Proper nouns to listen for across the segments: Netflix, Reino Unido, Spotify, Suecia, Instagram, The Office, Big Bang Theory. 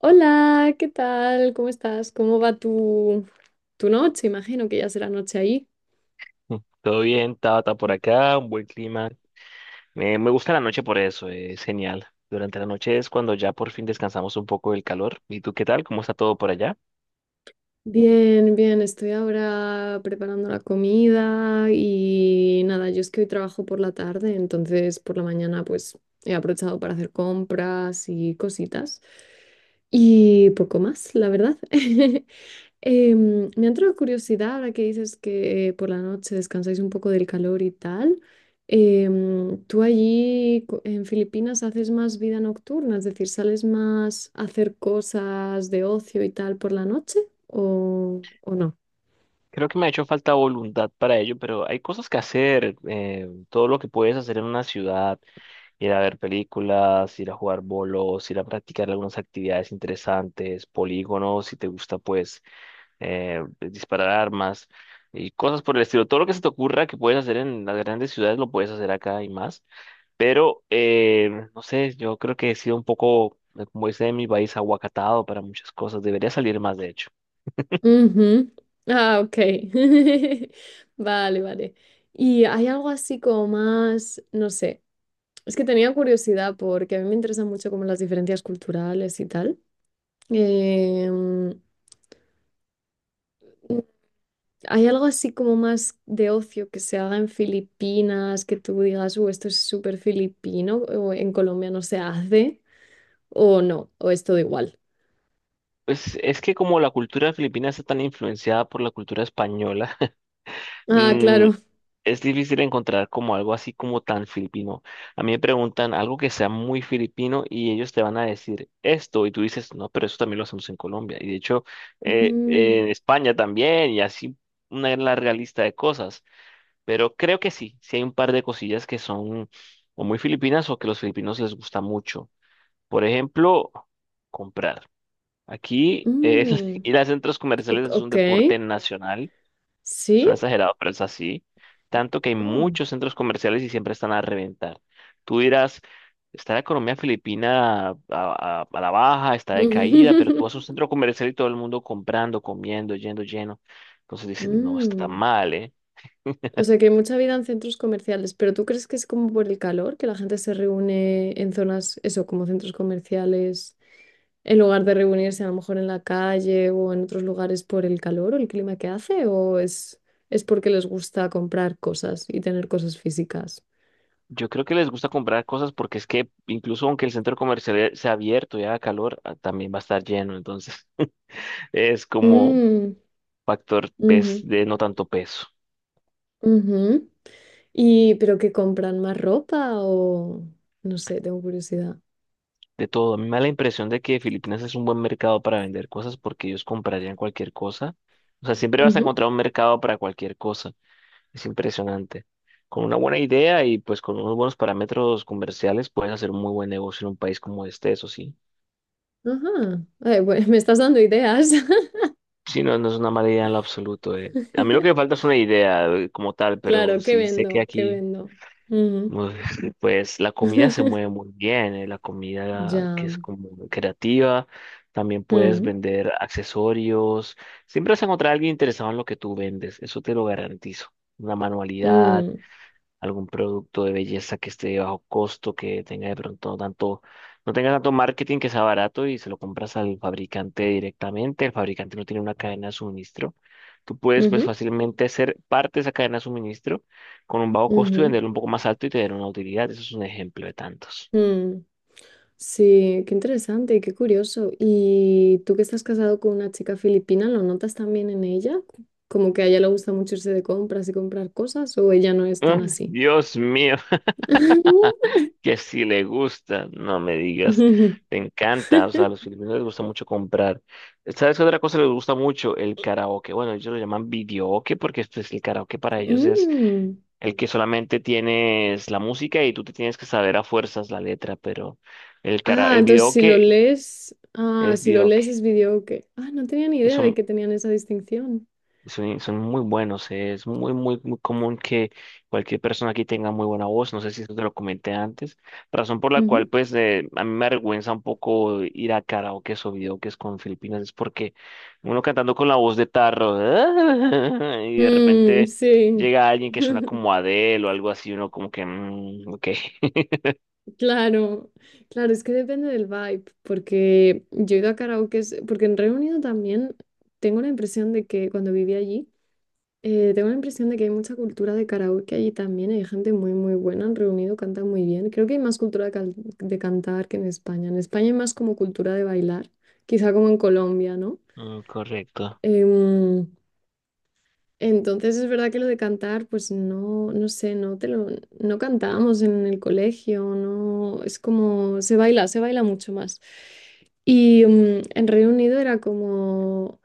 Hola, ¿qué tal? ¿Cómo estás? ¿Cómo va tu noche? Imagino que ya será noche ahí. Mm, todo bien, Tata, por acá un buen clima. Me gusta la noche por eso, es genial. Durante la noche es cuando ya por fin descansamos un poco del calor. ¿Y tú qué tal? ¿Cómo está todo por allá? Bien, bien, estoy ahora preparando la comida y nada, yo es que hoy trabajo por la tarde, entonces por la mañana pues he aprovechado para hacer compras y cositas y poco más, la verdad. Me ha entrado curiosidad ahora que dices que por la noche descansáis un poco del calor y tal. ¿Tú allí en Filipinas haces más vida nocturna? Es decir, ¿sales más a hacer cosas de ocio y tal por la noche o no? Creo que me ha hecho falta voluntad para ello, pero hay cosas que hacer. Todo lo que puedes hacer en una ciudad, ir a ver películas, ir a jugar bolos, ir a practicar algunas actividades interesantes, polígonos, si te gusta, pues disparar armas y cosas por el estilo. Todo lo que se te ocurra que puedes hacer en las grandes ciudades lo puedes hacer acá y más. Pero, no sé, yo creo que he sido un poco, como dice en mi país, aguacatado para muchas cosas. Debería salir más, de hecho. Ujú. Ah, ok. Vale, vale. ¿Y hay algo así como más, no sé, es que tenía curiosidad porque a mí me interesan mucho como las diferencias culturales y tal. Em, ¿Hay algo así como más de ocio que se haga en Filipinas, que tú digas, esto es súper filipino, o en Colombia no se hace, o no, o es todo igual? Pues es que como la cultura filipina está tan influenciada por la cultura española, Ah, mm, claro. es difícil encontrar como algo así como tan filipino. A mí me preguntan algo que sea muy filipino y ellos te van a decir esto y tú dices, no, pero eso también lo hacemos en Colombia. Y de hecho, Mm, en España también, y así una larga lista de cosas. Pero creo que sí, sí hay un par de cosillas que son o muy filipinas o que los filipinos les gusta mucho. Por ejemplo, comprar. Aquí el mm, ir a centros comerciales es un ok, deporte nacional. Suena sí. exagerado, pero es así. Tanto que hay Oh. muchos centros comerciales y siempre están a reventar. Tú dirás, está la economía filipina a la baja, está decaída, pero tú vas a un centro comercial y todo el mundo comprando, comiendo, yendo lleno. Entonces dicen, no, está Mm, mal, ¿eh? o sea que hay mucha vida en centros comerciales, pero ¿tú crees que es como por el calor, que la gente se reúne en zonas, eso, como centros comerciales, en lugar de reunirse a lo mejor en la calle o en otros lugares por el calor o el clima que hace, o es porque les gusta comprar cosas y tener cosas físicas? Yo creo que les gusta comprar cosas porque es que incluso aunque el centro comercial sea abierto y haga calor, ah, también va a estar lleno. Entonces es como Mm, factor ujú, de no tanto peso. ujú. Y, pero ¿que compran más ropa o no sé, tengo curiosidad? De todo, a mí me da la impresión de que Filipinas es un buen mercado para vender cosas porque ellos comprarían cualquier cosa. O sea, siempre vas a Ujú, encontrar un mercado para cualquier cosa. Es impresionante. Con una buena idea y pues con unos buenos parámetros comerciales puedes hacer un muy buen negocio en un país como este, eso sí. ajá. Ay, bueno, me estás dando ideas. Sí, no, no es una mala idea en lo absoluto. A mí lo que me falta es una idea, como tal, pero Claro, ¿qué sí sé que vendo? ¿Qué aquí, vendo? Ujú. uf, pues la comida se mueve muy bien, la comida que Ya. es como creativa, también puedes Mm, vender accesorios, siempre vas a encontrar a alguien interesado en lo que tú vendes, eso te lo garantizo. Una manualidad, mm, algún producto de belleza que esté de bajo costo, que tenga de pronto tanto, no tenga tanto marketing, que sea barato y se lo compras al fabricante directamente. El fabricante no tiene una cadena de suministro. Tú puedes pues ujú, fácilmente ser parte de esa cadena de suministro con un bajo costo y ujú, venderlo un poco más alto y tener una utilidad. Eso es un ejemplo de tantos. mm. Sí, qué interesante y qué curioso. ¿Y tú que estás casado con una chica filipina, lo notas también en ella? Como que a ella le gusta mucho irse de compras y comprar cosas, o ella no es Ah, tan así. Dios mío. Que si le gusta, no me digas, te encanta, o sea, a los filipinos les gusta mucho comprar. ¿Sabes qué otra cosa les gusta mucho? El karaoke. Bueno, ellos lo llaman videoke porque esto es el karaoke, para ellos es Mm. el que solamente tienes la música y tú te tienes que saber a fuerzas la letra, pero el cara Ah, el entonces si lo videoke lees, ah, es si lo lees videoke. es video. Ah, no tenía ni idea de Eso, que tenían esa distinción. son muy buenos, es muy, muy, muy común que cualquier persona aquí tenga muy buena voz, no sé si eso te lo comenté antes, razón por la cual Ujú. pues a mí me avergüenza un poco ir a karaoke o videoques con Filipinas, es porque uno cantando con la voz de tarro y de Mm, repente sí. llega alguien que suena como Adele o algo así, uno como que, mm, ok. Claro, claro, es que depende del vibe, porque yo he ido a karaokes, porque en Reino Unido también tengo la impresión de que cuando viví allí, tengo la impresión de que hay mucha cultura de karaoke allí también, hay gente muy, muy buena en Reino Unido, canta muy bien, creo que hay más cultura de, de cantar que en España hay más como cultura de bailar, quizá como en Colombia, ¿no? Mm, correcto. Em, entonces es verdad que lo de cantar, pues no, no sé, no te lo, no cantábamos en el colegio, no, es como se baila mucho más. Y mm, en Reino Unido era como,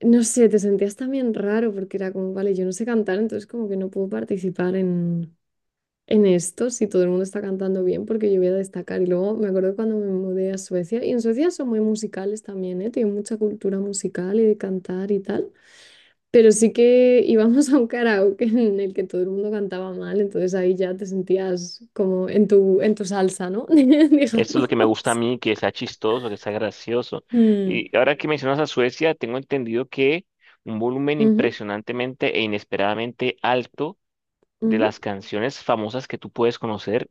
no sé, te sentías también raro porque era como, vale, yo no sé cantar, entonces como que no puedo participar en esto si todo el mundo está cantando bien porque yo voy a destacar. Y luego me acuerdo cuando me mudé a Suecia, y en Suecia son muy musicales también, ¿eh? Tienen mucha cultura musical y de cantar y tal. Pero sí que íbamos a un karaoke en el que todo el mundo cantaba mal, entonces ahí ya te sentías como en en tu salsa, ¿no? Digamos. Esto es lo que me gusta a mí, que sea chistoso, que sea gracioso. Mm, Y ahora que mencionas a Suecia, tengo entendido que un volumen ujú, impresionantemente e inesperadamente alto de ujú. las canciones famosas que tú puedes conocer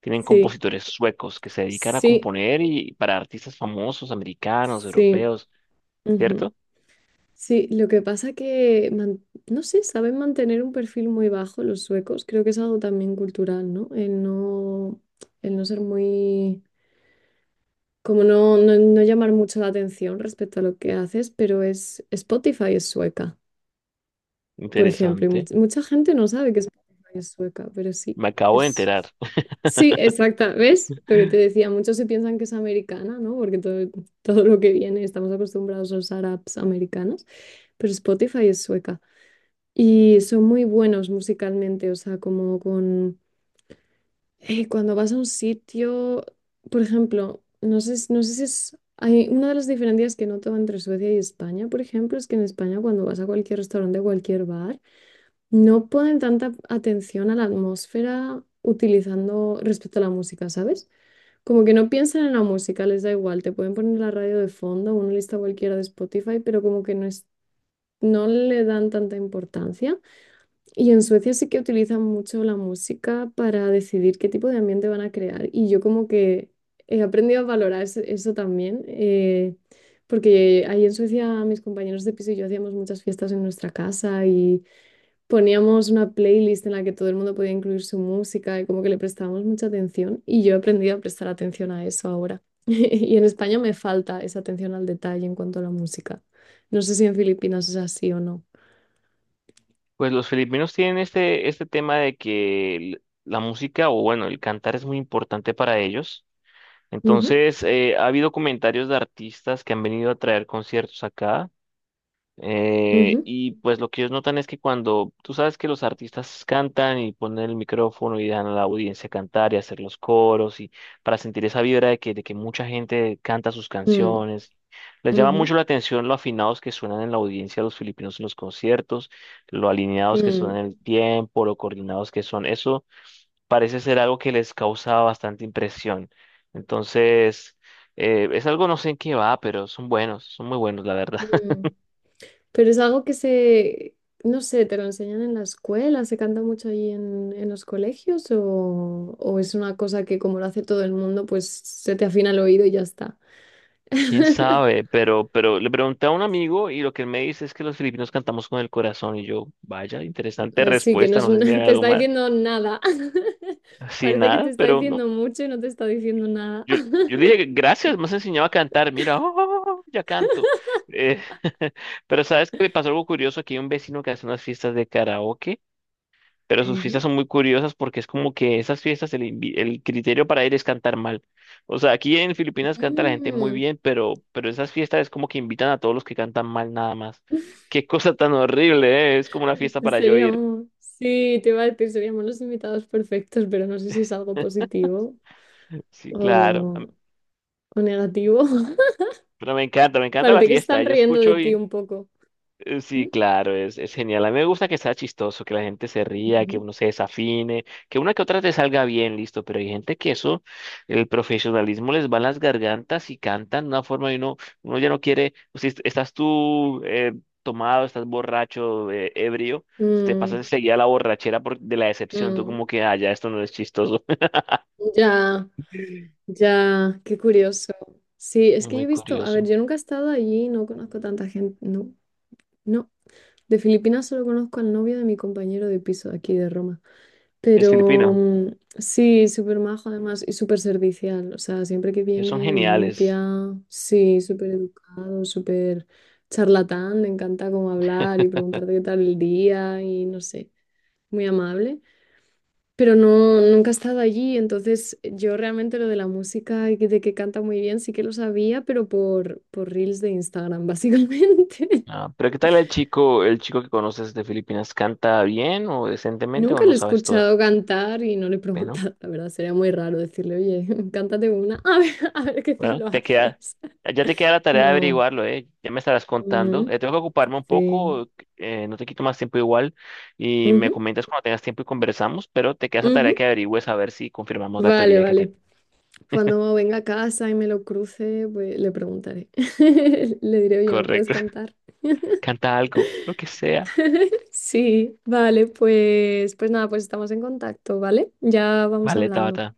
tienen Sí, compositores suecos que se dedican a sí, componer y para artistas famosos, americanos, sí. europeos, Ujú. ¿cierto? Sí, lo que pasa que, no sé, saben mantener un perfil muy bajo los suecos. Creo que es algo también cultural, ¿no? El no, el no ser muy, como no, no, no llamar mucho la atención respecto a lo que haces, pero es Spotify es sueca, por ejemplo. Y Interesante. Mucha gente no sabe que Spotify es sueca, pero sí, Me acabo de es... enterar. Sí, exacta, ¿ves? Lo que te decía, muchos se piensan que es americana, ¿no? Porque todo, todo lo que viene, estamos acostumbrados a usar apps americanas, pero Spotify es sueca. Y son muy buenos musicalmente, o sea, como con... cuando vas a un sitio, por ejemplo, no sé, no sé si es... Hay una de las diferencias que noto entre Suecia y España, por ejemplo, es que en España cuando vas a cualquier restaurante, a cualquier bar, no ponen tanta atención a la atmósfera utilizando respecto a la música, ¿sabes? Como que no piensan en la música, les da igual, te pueden poner la radio de fondo, una lista cualquiera de Spotify, pero como que no es, no le dan tanta importancia. Y en Suecia sí que utilizan mucho la música para decidir qué tipo de ambiente van a crear. Y yo como que he aprendido a valorar eso, también. Porque ahí en Suecia mis compañeros de piso y yo hacíamos muchas fiestas en nuestra casa, poníamos una playlist en la que todo el mundo podía incluir su música y como que le prestábamos mucha atención y yo he aprendido a prestar atención a eso ahora. Y en España me falta esa atención al detalle en cuanto a la música. No sé si en Filipinas es así o no. Pues los filipinos tienen este tema de que la música, o bueno, el cantar es muy importante para ellos. Ujú, Entonces, ha habido comentarios de artistas que han venido a traer conciertos acá. Ujú, Y pues lo que ellos notan es que cuando tú sabes que los artistas cantan y ponen el micrófono y dejan a la audiencia cantar y hacer los coros y para sentir esa vibra de que mucha gente canta sus mm, canciones, les llama ujú, mucho la atención lo afinados que suenan en la audiencia los filipinos en los conciertos, lo alineados que mm, son en el tiempo, lo coordinados que son. Eso parece ser algo que les causaba bastante impresión. Entonces, es algo no sé en qué va, pero son buenos, son muy buenos, la verdad. mm. Pero es algo que se, no sé, ¿te lo enseñan en la escuela, se canta mucho ahí en los colegios o es una cosa que como lo hace todo el mundo, pues se te afina el oído y ya está? ¿Quién sabe? Pero le pregunté a un amigo y lo que él me dice es que los filipinos cantamos con el corazón y yo, vaya, interesante Así que no respuesta, es no sé si hay te algo está más, diciendo nada. así Parece que te nada, está pero no. diciendo mucho y no te está diciendo nada. Yo, yo le dije, gracias, me has enseñado a cantar, mira, oh, oh, oh, ya canto. Eh, pero sabes que me pasó algo curioso, aquí hay un vecino que hace unas fiestas de karaoke. Pero sus fiestas Ujú. son muy curiosas porque es como que esas fiestas el criterio para ir es cantar mal. O sea, aquí en Filipinas canta la gente muy Mm. bien, pero esas fiestas es como que invitan a todos los que cantan mal nada más. Qué cosa tan horrible, ¿eh? Es como una fiesta para yo ir. Seríamos, sí, te iba a decir, seríamos los invitados perfectos, pero no sé si es algo positivo Sí, claro. Am- o, o negativo. Pero me encanta la Parece que se fiesta. están Yo riendo de escucho. ti un poco. ¿Mm? Sí, claro, es genial. A mí me gusta que sea chistoso, que la gente se ría, que Ujú. uno se desafine, que una que otra te salga bien, listo, pero hay gente que eso, el profesionalismo les va en las gargantas y cantan de una forma y uno, uno ya no quiere, o si estás tú tomado, estás borracho, ebrio, se te pasa Mm, enseguida la borrachera por, de la decepción, tú mm, como que, ah, ya esto no es chistoso. ya, ya, qué curioso. Sí, Es es que yo he muy visto, a ver, curioso. yo nunca he estado allí, no conozco tanta gente, no, no. De Filipinas solo conozco al novio de mi compañero de piso de aquí de Roma. Es Pero filipino, mm, sí, súper majo además y súper servicial. O sea, siempre que ellos son viene geniales. limpia, sí, súper educado, súper charlatán. Le encanta como hablar y preguntarte qué tal el día y no sé, muy amable. Pero no, nunca he estado allí, entonces yo realmente lo de la música y de que canta muy bien sí que lo sabía, pero por reels de Instagram, básicamente. Ah, pero ¿qué tal el chico que conoces de Filipinas? ¿Canta bien o decentemente o Nunca lo no he sabes todavía? escuchado cantar y no le he Bueno, preguntado, la verdad, sería muy raro decirle, oye, cántate una, a ver qué tal bueno, lo te queda, haces. ya te queda la tarea de No. averiguarlo, ¿eh? Ya me estarás contando. Mm, Tengo que ocuparme un sí. poco, no te quito más tiempo igual y me Ujú, comentas cuando tengas tiempo y conversamos, pero te queda esa tarea ujú. que averigües a ver si confirmamos la Vale, teoría que tengo. vale. Cuando venga a casa y me lo cruce, pues le preguntaré. Le diré, oye, ¿me puedes Correcto. cantar? Canta algo, lo que sea. Sí, vale, pues, pues nada, pues estamos en contacto, ¿vale? Ya vamos Vale, hablando. Tabata,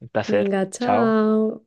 un placer. Venga, Chao. chao.